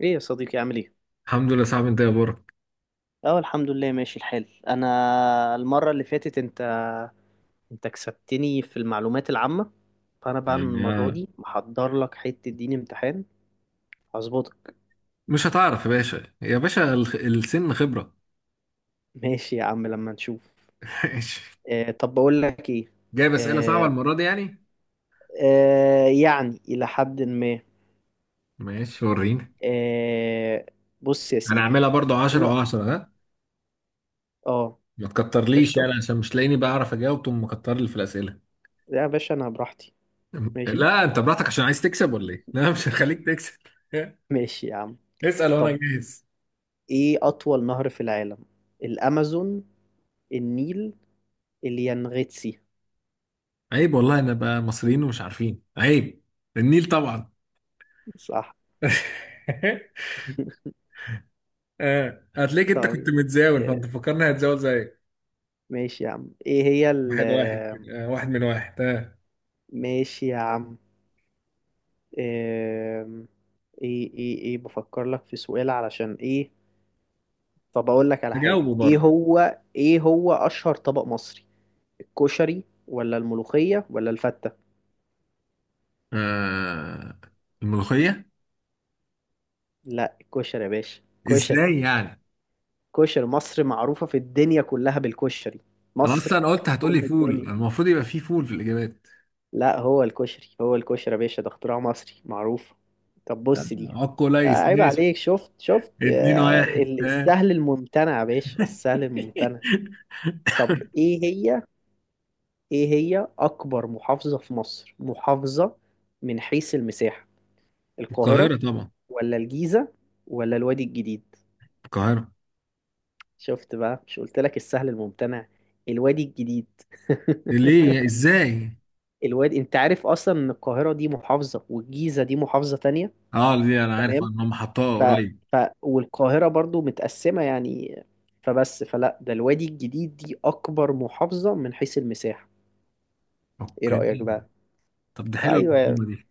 ايه يا صديقي عامل ايه؟ الحمد لله، صعب انت يا برك. اه، الحمد لله ماشي الحال. انا المرة اللي فاتت انت كسبتني في المعلومات العامة، فانا بقى المرة يعني دي محضر لك حتة دين امتحان. هظبطك. مش هتعرف يا باشا يا باشا، السن خبرة. ماشي يا عم لما نشوف. ماشي. طب بقول لك ايه. جايب اسئلة صعبة آه المرة دي يعني. يعني الى حد ما. ماشي وريني. آه بص يا سيدي. هنعملها برضو ايه. 10 و10، ها؟ اه. ما تكترليش قشطة. يعني عشان مش لاقيني بعرف اجاوب تقوم مكتر لي في الاسئلة. لا يا باشا انا براحتي. ماشي. لا انت براحتك، عشان عايز تكسب ولا ايه؟ لا، مش هخليك تكسب. ماشي يا عم. اسأل وانا طب، جاهز. ايه اطول نهر في العالم؟ الامازون، النيل، اليانغيتسي؟ عيب والله، انا بقى مصريين ومش عارفين، عيب. النيل طبعا. صح. اه هتلاقيك، انت كنت طيب. متزاول آه، فانت فكرني هتزاول زيك. ماشي يا عم. ايه هي ال واحد واحد كده، واحد من واحد. ماشي يا عم. آم، ايه بفكر لك في سؤال علشان ايه. طب اقول لك على حاجة. هجاوبه ايه برضه. هو ايه هو اشهر طبق مصري؟ الكشري ولا الملوخية ولا الفتة؟ آه، الملوخية. لا الكشري يا باشا. كشري. ازاي يعني؟ كشري، مصر معروفة في الدنيا كلها بالكشري. انا مصر اصلا قلت هتقولي أم فول، الدنيا. المفروض يبقى فيه فول في الاجابات. لا، هو الكشري. هو الكشري يا باشا، ده اختراع مصري معروف. طب بص دي. اه كويس، عيب ماشي. عليك. شفت اتنين واحد، ها. السهل الممتنع يا باشا، السهل الممتنع. طب ايه هي. ايه هي اكبر محافظة في مصر؟ محافظة من حيث المساحة. القاهرة القاهرة طبعا. ولا الجيزة ولا الوادي الجديد؟ القاهرة. شفت بقى؟ مش قلت لك السهل الممتنع؟ الوادي الجديد. ليه؟ ازاي؟ الوادي. انت عارف اصلا ان القاهرة دي محافظة والجيزة دي محافظة تانية؟ اه دي انا عارف تمام. ان هم حطوها ف... قريب. ف... والقاهرة برضو متقسمة يعني. فبس فلا ده الوادي الجديد دي أكبر محافظة من حيث المساحة. إيه اوكي. رأيك بقى؟ طب ده حلوة أيوة. المعلومة دي.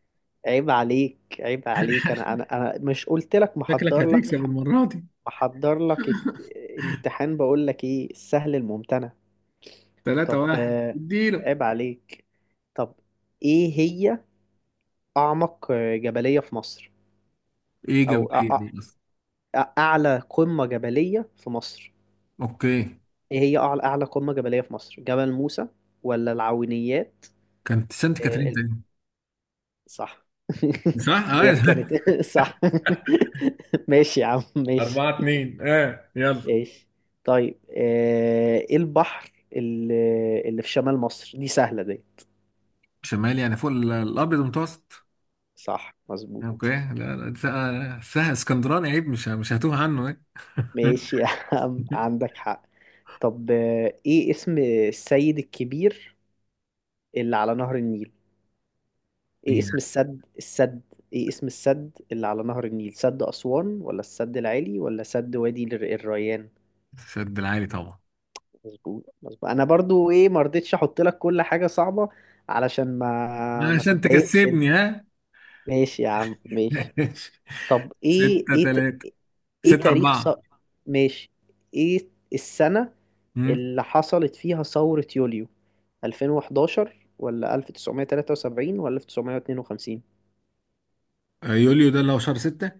عيب عليك، عيب عليك. أنا مش قلت لك شكلك محضر لك؟ هتكسب المرة دي. محضر لك امتحان. بقول لك إيه، السهل الممتنع. تلاتة طب واحد، اديله. عيب عليك. طب، إيه هي أعمق جبلية في مصر؟ ايه جاب أو ايه دي اصلا؟ أعلى قمة جبلية في مصر؟ اوكي. ايه هي اعلى قمة جبلية في مصر؟ جبل موسى ولا العوينيات؟ كانت سانت إيه كاترين ال- تاني. صح. صح؟ ايوه. ديت كانت صح. ماشي يا عم، ماشي. أربعة اتنين، اه يلا. ماشي. طيب ايه البحر اللي اللي في شمال مصر؟ دي سهلة دي. شمال يعني فوق الابيض المتوسط. صح، اوكي، مظبوط. لا لا، ده- سه اسكندراني، عيب، مش هتوه عنه، ايه. ماشي يا عم، عندك حق. طب ايه اسم السيد الكبير اللي على نهر النيل؟ ايه إيه. اسم السد؟ ايه اسم السد اللي على نهر النيل؟ سد أسوان ولا السد العالي ولا سد وادي الريان؟ سد العالي طبعا. مظبوط، مظبوط. انا برضو ايه، ما رضيتش احط لك كل حاجة صعبة، علشان ما عشان تتضايقش انت. تكسبني، ها. ماشي يا عم، ماشي. ماشي. طب ستة تلاتة. ايه ستة تاريخ أربعة. ماشي. ايه السنة أمم. اللي حصلت فيها ثورة يوليو؟ 2011 ولا 1973 ولا 1952؟ يوليو ده اللي هو شهر ستة.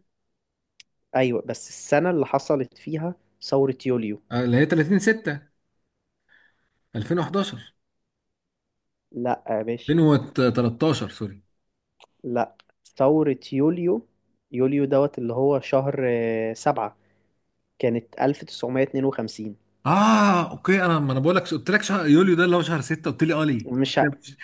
ايوه، بس السنة اللي حصلت فيها ثورة يوليو. اللي هي 30 ستة. 2011. لا يا باشا. 2013، سوري. لا، ثورة يوليو، يوليو دوت اللي هو شهر سبعة، كانت 1952. اه اوكي، انا، ما انا بقول لك، قلت لك شهر يوليو ده اللي هو شهر ستة، قلت لي اه ليه؟ مش ه...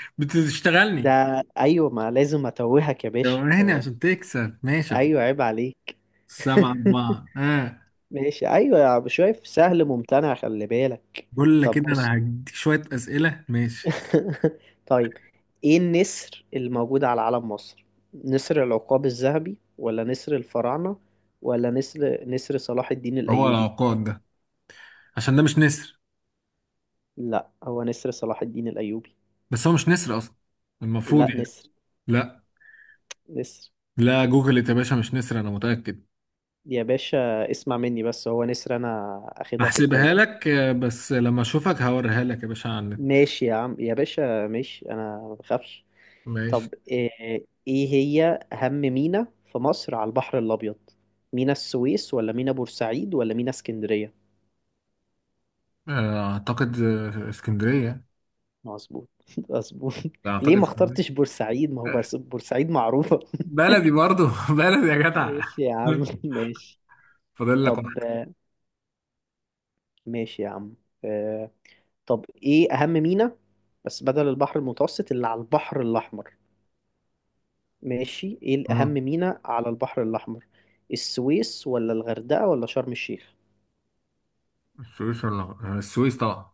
ده. بتشتغلني، أيوة، ما لازم أتوهك يا باشا. دواني عشان تكسب. ماشي يا أخويا. أيوة، عيب عليك. سبعة أربعة. ماشي، أيوة يا عم، شايف؟ سهل ممتنع، خلي بالك. بقول لك طب كده بص. أنا هديك شوية أسئلة، ماشي. طيب، إيه النسر الموجود على علم مصر؟ نسر العقاب الذهبي ولا نسر الفراعنة ولا نسر صلاح الدين هو الأيوبي؟ العقاد ده؟ عشان ده مش نسر. لا، هو نسر صلاح الدين الأيوبي. بس هو مش نسر أصلا، المفروض لا يعني. نسر، لا. نسر لا جوجل يا باشا، مش نسر، أنا متأكد. يا باشا، اسمع مني بس، هو نسر. أنا أخدها في هحسبها التاريخ. لك بس لما أشوفك هوريها لك يا باشا على النت. ماشي يا عم، يا باشا ماشي، أنا ما بخافش. ماشي. طب إيه, إيه هي أهم مينا في مصر على البحر الأبيض؟ مينا السويس ولا مينا بورسعيد ولا مينا اسكندرية؟ أعتقد، اسكندرية. مظبوط. مظبوط. لا أعتقد ليه ما اسكندرية. اخترتش بورسعيد؟ ما هو آه، بورسعيد معروفة. بلدي برضو. بلدي يا جدع. ماشي يا عم، ماشي. فاضل لك واحد. طب ماشي يا عم. آه، طب، ايه اهم ميناء، بس بدل البحر المتوسط، اللي على البحر الاحمر؟ ماشي، ايه الاهم آه، ميناء على البحر الاحمر؟ السويس ولا الغردقة ولا شرم الشيخ؟ السويس طبعا.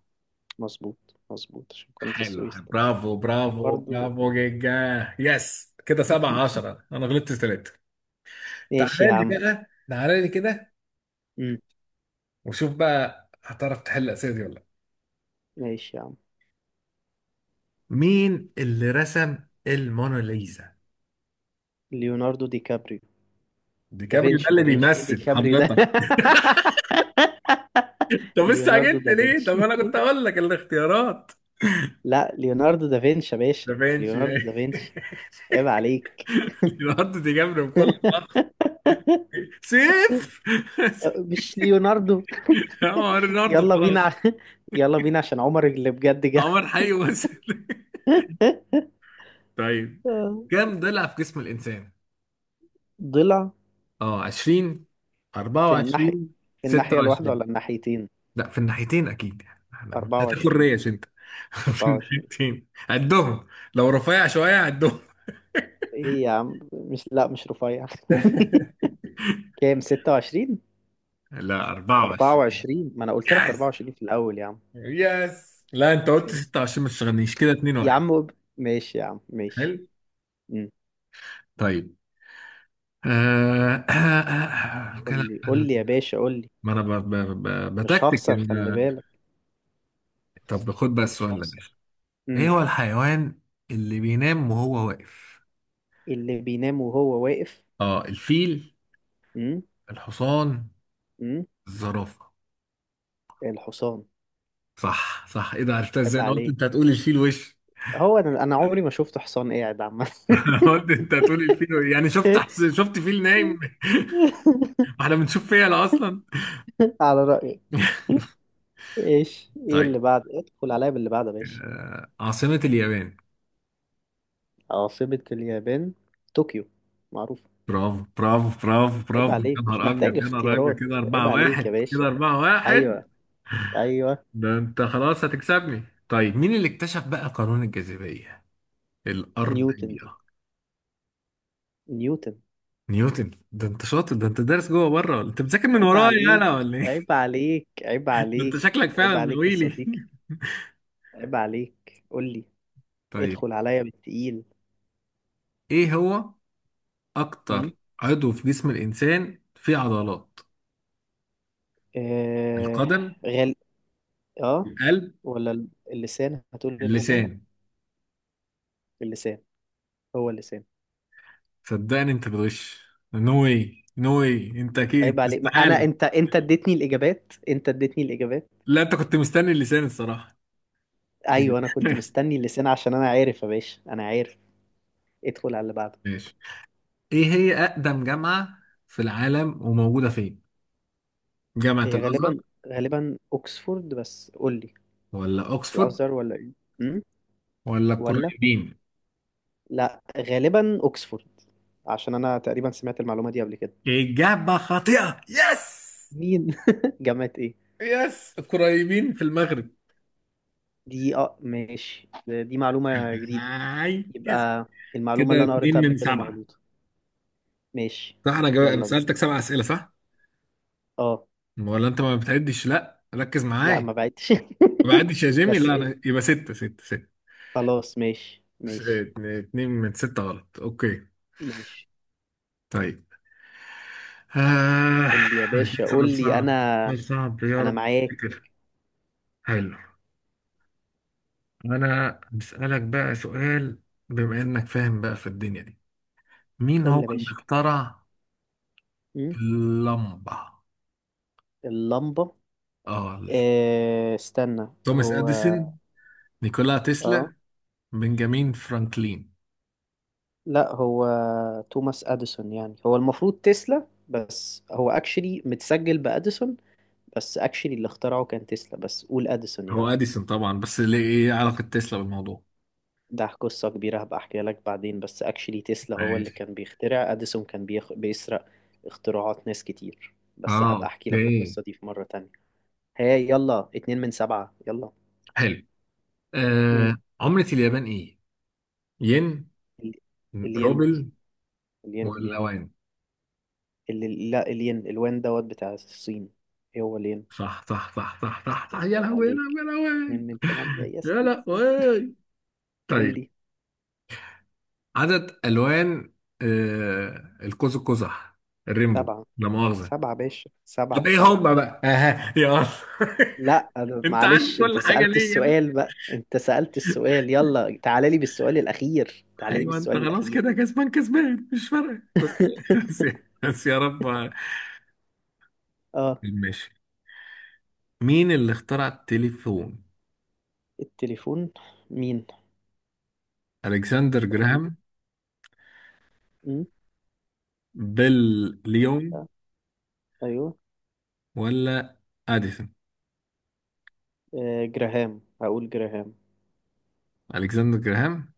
مظبوط، مظبوط. عشان كنت حلو. السويس طبعا. برافو ده كان برافو برضو. برافو جيجا. يس كده سبعة عشرة، انا غلطت ثلاثة. ماشي تعالى يا لي عم. بقى، تعالى لي كده. مم. وشوف بقى هتعرف تحل الأسئلة دي ولا لا. ماشي يا عم. مين اللي رسم الموناليزا؟ ليوناردو دي كابريو. ديكابريو ده دافنشي، اللي دافنشي. ايه دي بيمثل كابريو ده؟ حضرتك. طب ليوناردو استعجلت ليه؟ دافنشي. طب انا كنت اقول لك الاختيارات. لا، ليوناردو دافنشي يا ده باشا، فينشي ليوناردو يعني. دافنشي. عيب عليك. ليوناردو دي جابري، بكل فخر. صفر. مش ليوناردو. عمر ليوناردو يلا بينا خلاص. يلا بينا عشان عمر اللي بجد جه. عمر حي وصل. طيب، آه، كم ضلع في جسم الإنسان؟ ضلع. اه 20. في الناحية، 24. الواحدة 26. ولا الناحيتين؟ لا في الناحيتين أكيد يعني، احنا مش هتاكل 24. ريش أنت. في 24. الناحيتين عدهم. لو رفيع شوية عدهم. ايه يا عم، مش رفيع. كام، 26؟ لا 24. 24. ما انا قلت لك يس 24 في الاول يا عم. يس، لا أنت قلت ماشي 26، ما تشغلنيش كده. 2 يا 1. عم، ماشي يا عم، حلو. ماشي. امم. طيب، كده. قول لي يا باشا، قول لي. ما أنا ب- ب- ب- مش بتكتك هخسر، خلي إن- بالك. طب خد بقى مش السؤال ده. هخسر. ايه امم. هو الحيوان اللي بينام وهو واقف؟ اللي بينام وهو واقف. اه الفيل. امم. الحصان. امم. الزرافة. الحصان. صح صح، ايه ده عرفتها عيب ازاي؟ انا قلت عليك. انت هتقول الفيل وش. هو انا أنا عمري ما شفت حصان قاعد، عامة. انا قلت انت هتقول الفيل وش. يعني شفت فيل نايم؟ واحنا بنشوف فيل اصلا؟ على رأيك. ايه طيب، اللي بعد، ادخل عليا باللي بعد يا باشا. عاصمة اليابان. عاصمة اليابان، طوكيو، معروف. برافو برافو برافو عيب برافو، يا عليك، مش نهار ابيض محتاج يا نهار ابيض، اختيارات. كده عيب 4 عليك يا 1، كده باشا. 4 1. ايوه. ايوه. ده انت خلاص هتكسبني. طيب، مين اللي اكتشف بقى قانون الجاذبية الارض؟ نيوتن. نيوتن. نيوتن. ده انت شاطر، ده انت دارس جوه بره، ولا انت بتذاكر من عيب ورايا عليك. انا ولا ايه؟ عيب عليك عيب ده انت عليك شكلك فعلا عيب عليك يا ناويلي. صديقي. عيب عليك، قول لي. طيب، ادخل عليا بالتقيل. ايه هو م؟ اكتر عضو في جسم الانسان فيه عضلات؟ آه. القدم. غل. اه. القلب. ولا اللسان؟ هتقول اللسان. اللسان. اللسان. هو اللسان. صدقني انت بتغش. نو واي نو واي، انت عيب اكيد عليك. ما انا استحالة. انت اديتني الاجابات، انت اديتني الاجابات. لا انت كنت مستني اللسان، الصراحة. يعني. ايوه انا كنت مستني اللسان، عشان انا عارف يا باشا، انا عارف. ادخل على اللي بعده. ماشي. ايه هي اقدم جامعة في العالم وموجودة فين؟ جامعة هي الازهر، غالبا، غالبا اوكسفورد، بس قول لي، ولا اوكسفورد، الازهر ولا ايه؟ امم. ولا ولا. القرويين؟ لا، غالبا اوكسفورد، عشان انا تقريبا سمعت المعلومه دي قبل كده. إجابة خاطئة، يس. مين؟ جامعه ايه؟ يس، قريبين في المغرب. دي، اه ماشي، دي معلومه جديده. هاي يس. يبقى المعلومه كده اللي انا اتنين قريتها قبل من كده سبعة. مغلوطه. ماشي. صح انا جاوب. أنا يلا بينا. سألتك سبع اسئلة، صح؟ اه. ولا انت ما بتعدش؟ لا ركز لا معايا. ما بعدتش. ما بعدش يا جيمي، بس لا ايه، انا يبقى ستة ستة ستة. خلاص ماشي، ماشي. اتنين من ستة غلط، اوكي. ماشي. طيب آه. قول لي يا باشا، قول سؤال لي. صعب. انا سؤال صعب يا انا رب. معاك. كده. حلو. أنا بسألك بقى سؤال، بما انك فاهم بقى في الدنيا دي، مين قول لي هو يا اللي باشا. اخترع أمم، اللمبة؟ اللمبة. اه، إيه، استنى. توماس هو. اديسون. نيكولا اه. تسلا. بنجامين فرانكلين. لا، هو توماس اديسون. يعني، هو المفروض تسلا، بس هو اكشلي متسجل باديسون. بس اكشلي اللي اخترعه كان تسلا، بس قول اديسون يا هو عم. اديسون طبعا، بس ليه ايه علاقة تسلا بالموضوع؟ ده قصة كبيرة، هبقى احكيها لك بعدين. بس اكشلي تسلا هو اللي ماشي. كان بيخترع، اديسون كان بيسرق اختراعات ناس كتير. بس اه هبقى احكي لك اوكي. القصة دي في مرة تانية. هاي، يلا 2 من 7 يلا. حلو. مم. عملة اليابان ايه؟ ين. ال- الين. روبل. الين. ولا الين. وان. لا، الين. الوان دوت بتاع الصين. ايه هو الين. صح صح صح صح صح صح، يا عيب لهوي يا عليك. لهوي. يا لهوي. 2 من 8. يا يس، يس، يس. لهوي. قول طيب، لي. عدد الوان القوس القزح، الريمبو. سبعة. لا مؤاخذة. سبعة باشا، طب سبعة ايه سبعة هم بقى؟ اها يلا. لا أنا، انت عارف معلش، انت كل حاجه سألت ليه يعني؟ السؤال بقى، انت سألت السؤال. يلا تعالى لي بالسؤال الأخير، تعالى لي ايوه انت بالسؤال خلاص الأخير. كده كسبان كسبان، مش فارقه. بس. بس. بس يا رب. اه. ماشي، مين اللي اخترع التليفون؟ التليفون. مين؟ الكسندر قول لي. جراهام. امم. بيل. قول ليون. لي. ايوه. ولا اديسون. آه، جراهام، هقول جراهام. الكسندر جراهام.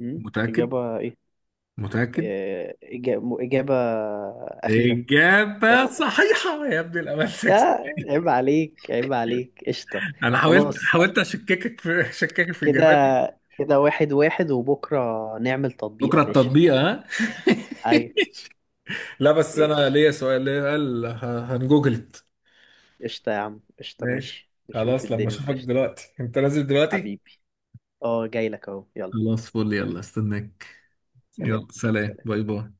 امم. متاكد؟ إجابة ايه؟ متاكد. آه، إجابة, إجابة أخيرة. اجابه قرار أخير. صحيحه، يا ابن الامل، يا، سكس. عيب عليك، عيب عليك. قشطة. انا حاولت خلاص حاولت اشككك في كده، اجاباتك. كده واحد واحد، وبكرة نعمل تطبيق يا بكره باشا. التطبيق، ها. ايوه. لا بس انا ماشي. ليا سؤال، ليا قال هنجوجلت. قشطة يا عم، قشطة. ماشي ماشي، نشوف خلاص، لما الدنيا. اشوفك قشطة. دلوقتي، انت نازل دلوقتي. حبيبي. اه جاي لك اهو، يلا. خلاص فل، يلا استناك. يلا سلام. سلام، باي باي.